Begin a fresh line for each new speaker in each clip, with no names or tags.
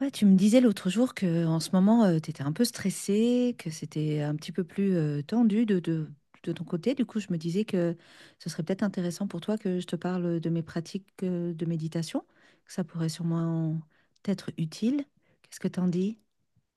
Ouais, tu me disais l'autre jour que en ce moment, tu étais un peu stressée, que c'était un petit peu plus tendu de ton côté. Du coup, je me disais que ce serait peut-être intéressant pour toi que je te parle de mes pratiques de méditation, que ça pourrait sûrement être utile. Qu'est-ce que t'en dis?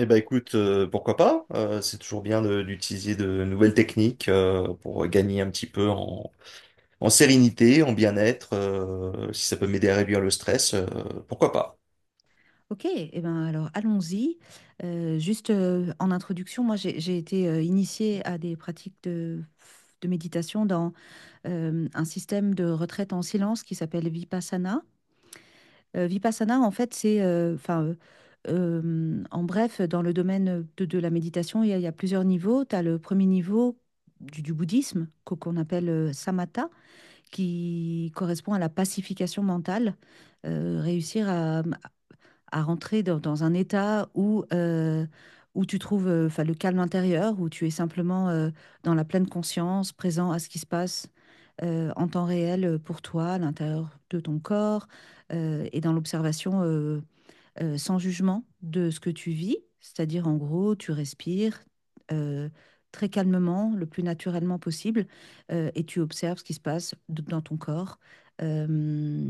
Eh ben écoute, pourquoi pas? C'est toujours bien d'utiliser de nouvelles techniques pour gagner un petit peu en, en sérénité, en bien-être. Si ça peut m'aider à réduire le stress, pourquoi pas?
Ok, eh ben alors allons-y. Juste en introduction, moi j'ai été initiée à des pratiques de méditation dans un système de retraite en silence qui s'appelle Vipassana. Vipassana, en fait, en bref, dans le domaine de la méditation, il y a plusieurs niveaux. Tu as le premier niveau du bouddhisme, qu'on appelle samatha, qui correspond à la pacification mentale, réussir à rentrer dans un état où, où tu trouves le calme intérieur, où tu es simplement dans la pleine conscience, présent à ce qui se passe en temps réel pour toi, à l'intérieur de ton corps, et dans l'observation sans jugement de ce que tu vis. C'est-à-dire, en gros, tu respires euh, très calmement, le plus naturellement possible, et tu observes ce qui se passe dans ton corps. Euh,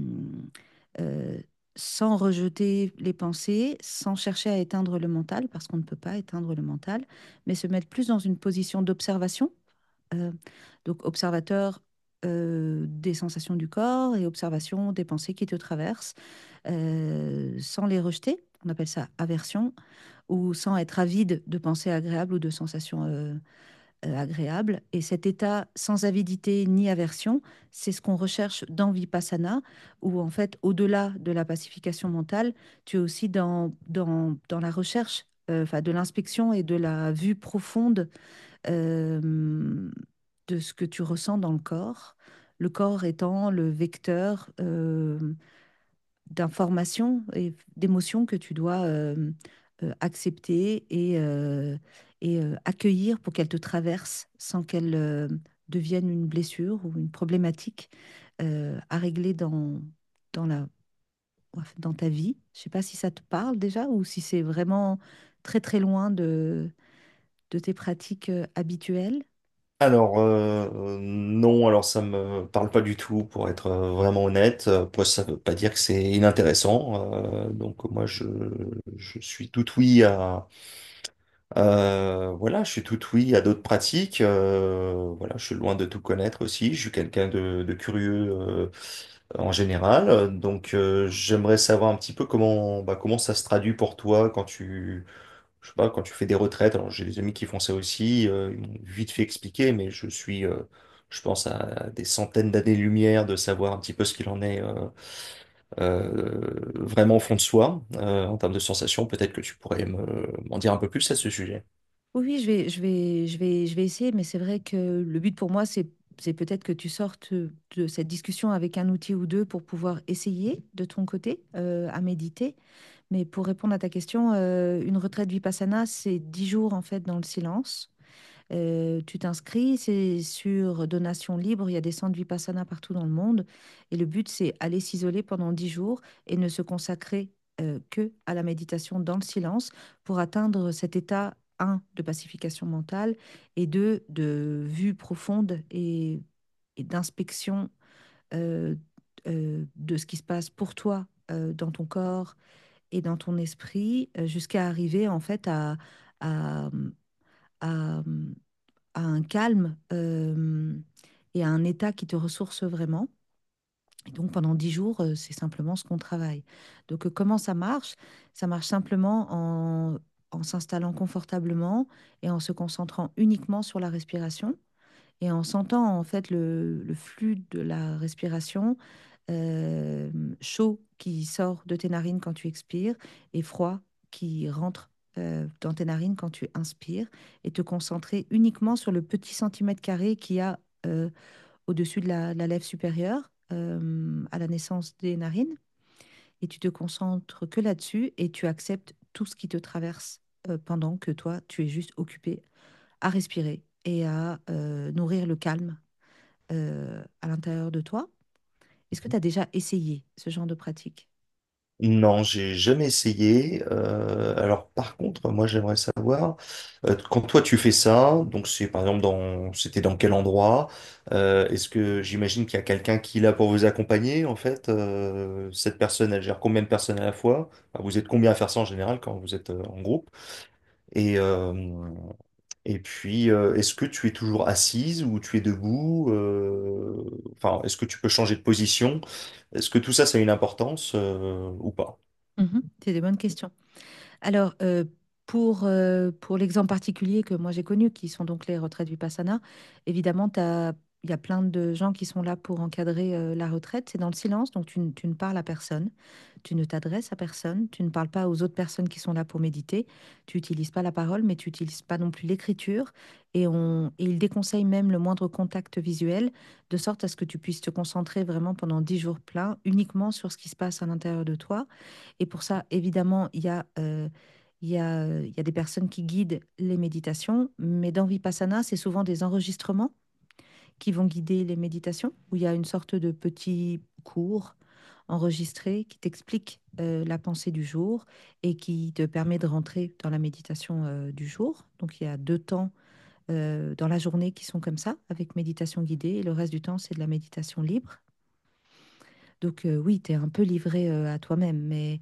euh, Sans rejeter les pensées, sans chercher à éteindre le mental, parce qu'on ne peut pas éteindre le mental, mais se mettre plus dans une position d'observation, euh, donc observateur des sensations du corps et observation des pensées qui te traversent, sans les rejeter. On appelle ça aversion, ou sans être avide de pensées agréables ou de sensations agréable. Et cet état sans avidité ni aversion, c'est ce qu'on recherche dans Vipassana, où en fait, au-delà de la pacification mentale, tu es aussi dans la recherche, de l'inspection et de la vue profonde euh, de ce que tu ressens dans le corps étant le vecteur d'informations et d'émotions que tu dois accepter et accueillir pour qu'elles te traversent sans qu'elles deviennent une blessure ou une problématique à régler dans la, dans ta vie. Je ne sais pas si ça te parle déjà ou si c'est vraiment très très loin de tes pratiques habituelles.
Alors non, alors ça me parle pas du tout, pour être vraiment honnête. Après, ça veut pas dire que c'est inintéressant. Donc moi, je suis tout oui à. Voilà, je suis tout oui à d'autres pratiques. Voilà, je suis loin de tout connaître aussi. Je suis quelqu'un de curieux en général. Donc, j'aimerais savoir un petit peu comment, bah, comment ça se traduit pour toi je sais pas, quand tu fais des retraites. Alors, j'ai des amis qui font ça aussi. Ils m'ont vite fait expliquer, mais je suis, je pense, à des centaines d'années-lumière de savoir un petit peu ce qu'il en est. Euh, Vraiment au fond de soi, en termes de sensations. Peut-être que tu pourrais m'en dire un peu plus à ce sujet.
Oui, oui, je vais essayer, mais c'est vrai que le but pour moi, c'est peut-être que tu sortes de cette discussion avec un outil ou deux pour pouvoir essayer de ton côté à méditer. Mais pour répondre à ta question, une retraite vipassana, c'est 10 jours en fait dans le silence. Tu t'inscris, c'est sur donation libre. Il y a des centres Vipassana partout dans le monde. Et le but, c'est aller s'isoler pendant 10 jours et ne se consacrer que à la méditation dans le silence pour atteindre cet état, un, de pacification mentale et deux, de vue profonde et d'inspection euh, de ce qui se passe pour toi dans ton corps et dans ton esprit jusqu'à arriver en fait à, à à un calme et à un état qui te ressource vraiment. Et donc pendant dix jours, c'est simplement ce qu'on travaille. Donc comment ça marche? Ça marche simplement en, en s'installant confortablement et en se concentrant uniquement sur la respiration. Et en sentant en fait le flux de la respiration, euh, chaud qui sort de tes narines quand tu expires et froid qui rentre dans tes narines quand tu inspires, et te concentrer uniquement sur le petit centimètre carré qu'il y a euh, au-dessus de la lèvre supérieure à la naissance des narines, et tu te concentres que là-dessus et tu acceptes tout ce qui te traverse pendant que toi, tu es juste occupé à respirer et à nourrir le calme à l'intérieur de toi. Est-ce que tu as déjà essayé ce genre de pratique?
Non, j'ai jamais essayé. Alors par contre, moi j'aimerais savoir, quand toi tu fais ça, donc c'est par exemple dans, c'était dans quel endroit? Est-ce que j'imagine qu'il y a quelqu'un qui est là pour vous accompagner en fait? Cette personne, elle gère combien de personnes à la fois? Enfin, vous êtes combien à faire ça en général quand vous êtes en groupe? Et, euh, et puis, est-ce que tu es toujours assise ou tu es debout? Enfin, est-ce que tu peux changer de position? Est-ce que tout ça, ça a une importance ou pas?
Mhm. C'est des bonnes questions. Alors, pour l'exemple particulier que moi j'ai connu, qui sont donc les retraites Vipassana, évidemment, il y a plein de gens qui sont là pour encadrer la retraite. C'est dans le silence, donc tu ne parles à personne, tu ne t'adresses à personne, tu ne parles pas aux autres personnes qui sont là pour méditer, tu n'utilises pas la parole, mais tu n'utilises pas non plus l'écriture. Et ils déconseillent même le moindre contact visuel, de sorte à ce que tu puisses te concentrer vraiment pendant 10 jours pleins uniquement sur ce qui se passe à l'intérieur de toi. Et pour ça, évidemment, il y a des personnes qui guident les méditations, mais dans Vipassana, c'est souvent des enregistrements qui vont guider les méditations, où il y a une sorte de petit cours enregistré qui t'explique la pensée du jour et qui te permet de rentrer dans la méditation du jour. Donc il y a deux temps dans la journée qui sont comme ça, avec méditation guidée, et le reste du temps, c'est de la méditation libre. Donc oui, tu es un peu livré à toi-même, mais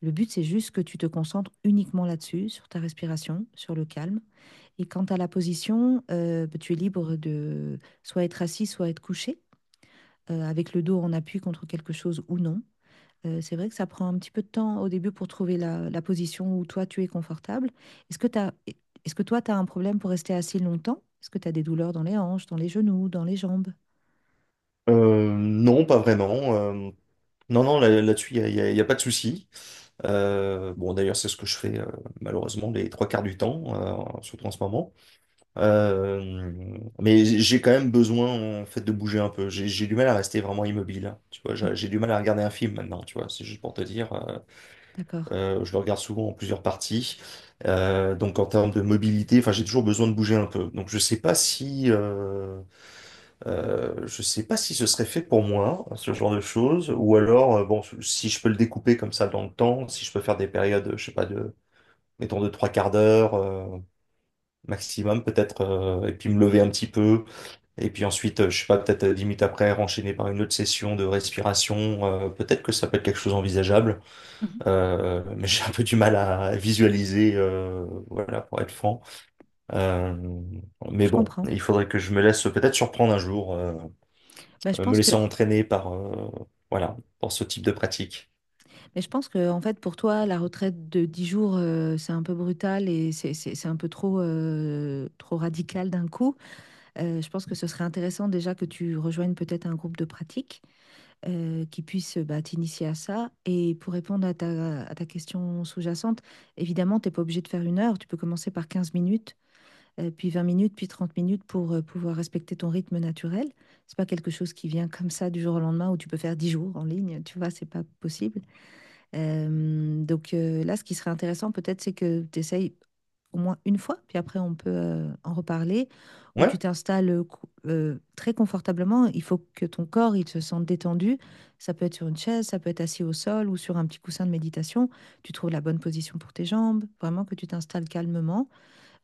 le but, c'est juste que tu te concentres uniquement là-dessus, sur ta respiration, sur le calme. Et quant à la position, bah, tu es libre de soit être assis, soit être couché, avec le dos en appui contre quelque chose ou non. C'est vrai que ça prend un petit peu de temps au début pour trouver la position où toi, tu es confortable. Est-ce que t'as, est-ce que toi, tu as un problème pour rester assis longtemps? Est-ce que tu as des douleurs dans les hanches, dans les genoux, dans les jambes?
Non, pas vraiment. Non, non, là, là-dessus, y a pas de souci. Bon, d'ailleurs, c'est ce que je fais malheureusement les trois quarts du temps, surtout en ce moment. Euh, mais j'ai quand même besoin en fait de bouger un peu. J'ai du mal à rester vraiment immobile. Hein, tu vois, j'ai
Mhm.
j'ai du mal à regarder un film maintenant. Tu vois, c'est juste pour te dire,
D'accord.
je le regarde souvent en plusieurs parties. Donc en termes de mobilité, enfin, j'ai toujours besoin de bouger un peu. Donc je sais pas si je sais pas si ce serait fait pour moi, ce genre de choses, ou alors, bon, si je peux le découper comme ça dans le temps, si je peux faire des périodes, je sais pas, de, mettons, de trois quarts d'heure, maximum, peut-être, et puis me lever un petit peu, et puis ensuite, je sais pas, peut-être 10 minutes après, enchaîner par une autre session de respiration, peut-être que ça peut être quelque chose envisageable,
Mhm.
mais j'ai un peu du mal à visualiser, voilà, pour être franc. Euh, mais
Je
bon,
comprends.
il faudrait que je me laisse peut-être surprendre un jour.
Bah, je
Me
pense que
laissant entraîner par, voilà, par ce type de pratique.
mais je pense que, en fait, pour toi, la retraite de 10 jours, c'est un peu brutal et c'est un peu trop, trop radical d'un coup. Je pense que ce serait intéressant déjà que tu rejoignes peut-être un groupe de pratique qui puisse bah, t'initier à ça. Et pour répondre à ta question sous-jacente, évidemment, tu n'es pas obligé de faire une heure. Tu peux commencer par 15 minutes, puis 20 minutes, puis 30 minutes pour pouvoir respecter ton rythme naturel. C'est pas quelque chose qui vient comme ça du jour au lendemain où tu peux faire 10 jours en ligne. Tu vois, c'est pas possible. Donc là, ce qui serait intéressant peut-être, c'est que tu essayes au moins une fois, puis après on peut en reparler, où tu
Ouais?
très confortablement. Il faut que ton corps il se sente détendu. Ça peut être sur une chaise, ça peut être assis au sol ou sur un petit coussin de méditation. Tu trouves la bonne position pour tes jambes, vraiment que tu t'installes calmement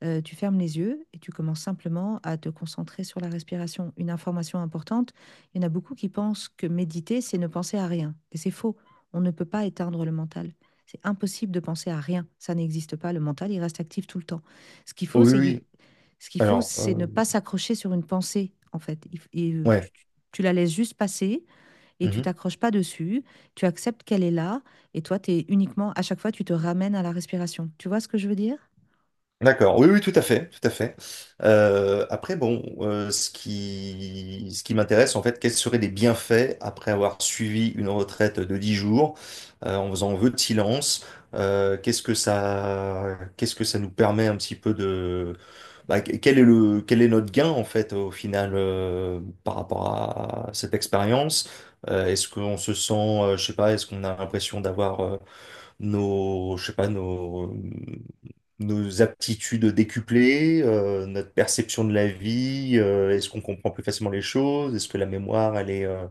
tu fermes les yeux et tu commences simplement à te concentrer sur la respiration. Une information importante, il y en a beaucoup qui pensent que méditer, c'est ne penser à rien. Et c'est faux. On ne peut pas éteindre le mental. C'est impossible de penser à rien. Ça n'existe pas. Le mental, il reste actif tout le temps. Ce qu'il faut,
Oui,
c'est
oui.
Ce qu'il faut,
Alors,
c'est ne pas s'accrocher sur une pensée, en fait. Et,
ouais.
tu la laisses juste passer et tu
Mhm.
t'accroches pas dessus. Tu acceptes qu'elle est là et toi, tu es uniquement, à chaque fois, tu te ramènes à la respiration. Tu vois ce que je veux dire?
D'accord, oui, oui, tout à fait, tout à fait. Après, bon, ce qui m'intéresse, en fait, quels seraient les bienfaits après avoir suivi une retraite de 10 jours, en faisant vœu de silence, qu'est-ce que ça nous permet un petit peu de, bah, quel est le, quel est notre gain, en fait, au final, par rapport à cette expérience? Est-ce qu'on se sent, je sais pas, est-ce qu'on a l'impression d'avoir nos, je sais pas, nos, nos aptitudes décuplées, notre perception de la vie, est-ce qu'on comprend plus facilement les choses, est-ce que la mémoire,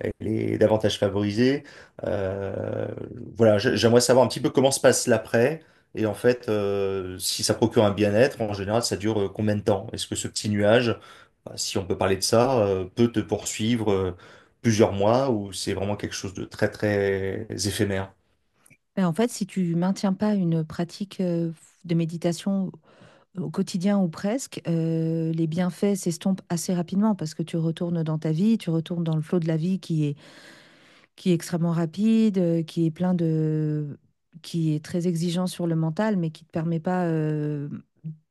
elle est davantage favorisée. Euh, voilà, j'aimerais savoir un petit peu comment se passe l'après. Et en fait, si ça procure un bien-être, en général, ça dure combien de temps? Est-ce que ce petit nuage, bah, si on peut parler de ça, peut te poursuivre plusieurs mois ou c'est vraiment quelque chose de très, très éphémère?
Ben, en fait, si tu maintiens pas une pratique de méditation au quotidien ou presque, les bienfaits s'estompent assez rapidement parce que tu retournes dans ta vie, tu retournes dans le flot de la vie qui est extrêmement rapide, qui est très exigeant sur le mental, mais qui ne te permet pas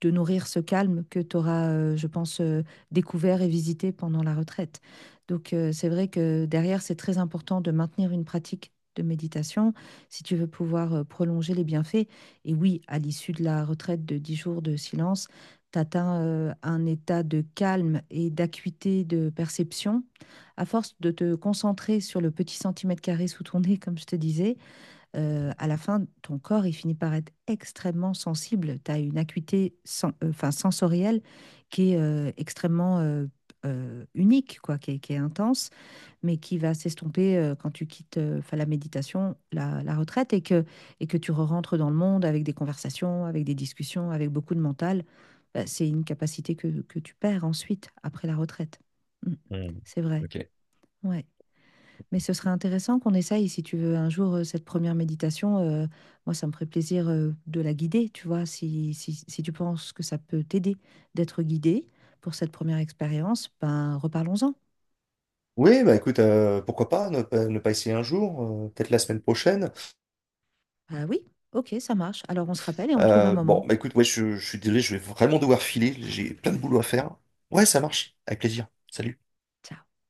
de nourrir ce calme que tu auras, découvert et visité pendant la retraite. Donc, c'est vrai que derrière, c'est très important de maintenir une pratique de méditation si tu veux pouvoir prolonger les bienfaits. Et oui, à l'issue de la retraite de 10 jours de silence, tu atteins un état de calme et d'acuité de perception à force de te concentrer sur le petit centimètre carré sous ton nez, comme je te disais, à la fin, ton corps, il finit par être extrêmement sensible. Tu as une acuité sensorielle qui est extrêmement unique, quoi, qui est intense, mais qui va s'estomper quand tu quittes la méditation, la retraite, et que tu rentres dans le monde avec des conversations, avec des discussions, avec beaucoup de mental. Bah, c'est une capacité que tu perds ensuite, après la retraite. Mm.
Hmm.
C'est vrai.
Ok.
Ouais. Mais ce serait intéressant qu'on essaye, si tu veux, un jour, cette première méditation. Euh, moi, ça me ferait plaisir de la guider, tu vois, si tu penses que ça peut t'aider d'être guidé pour cette première expérience, ben reparlons-en.
Oui, bah écoute, pourquoi pas ne, pas ne pas essayer un jour, peut-être la semaine prochaine.
Ah oui, ok, ça marche. Alors on se rappelle et on trouve un
Bon,
moment.
bah écoute, ouais, je suis désolé, je vais vraiment devoir filer, j'ai plein de boulot à faire. Ouais, ça marche, avec plaisir. Salut.
Ciao.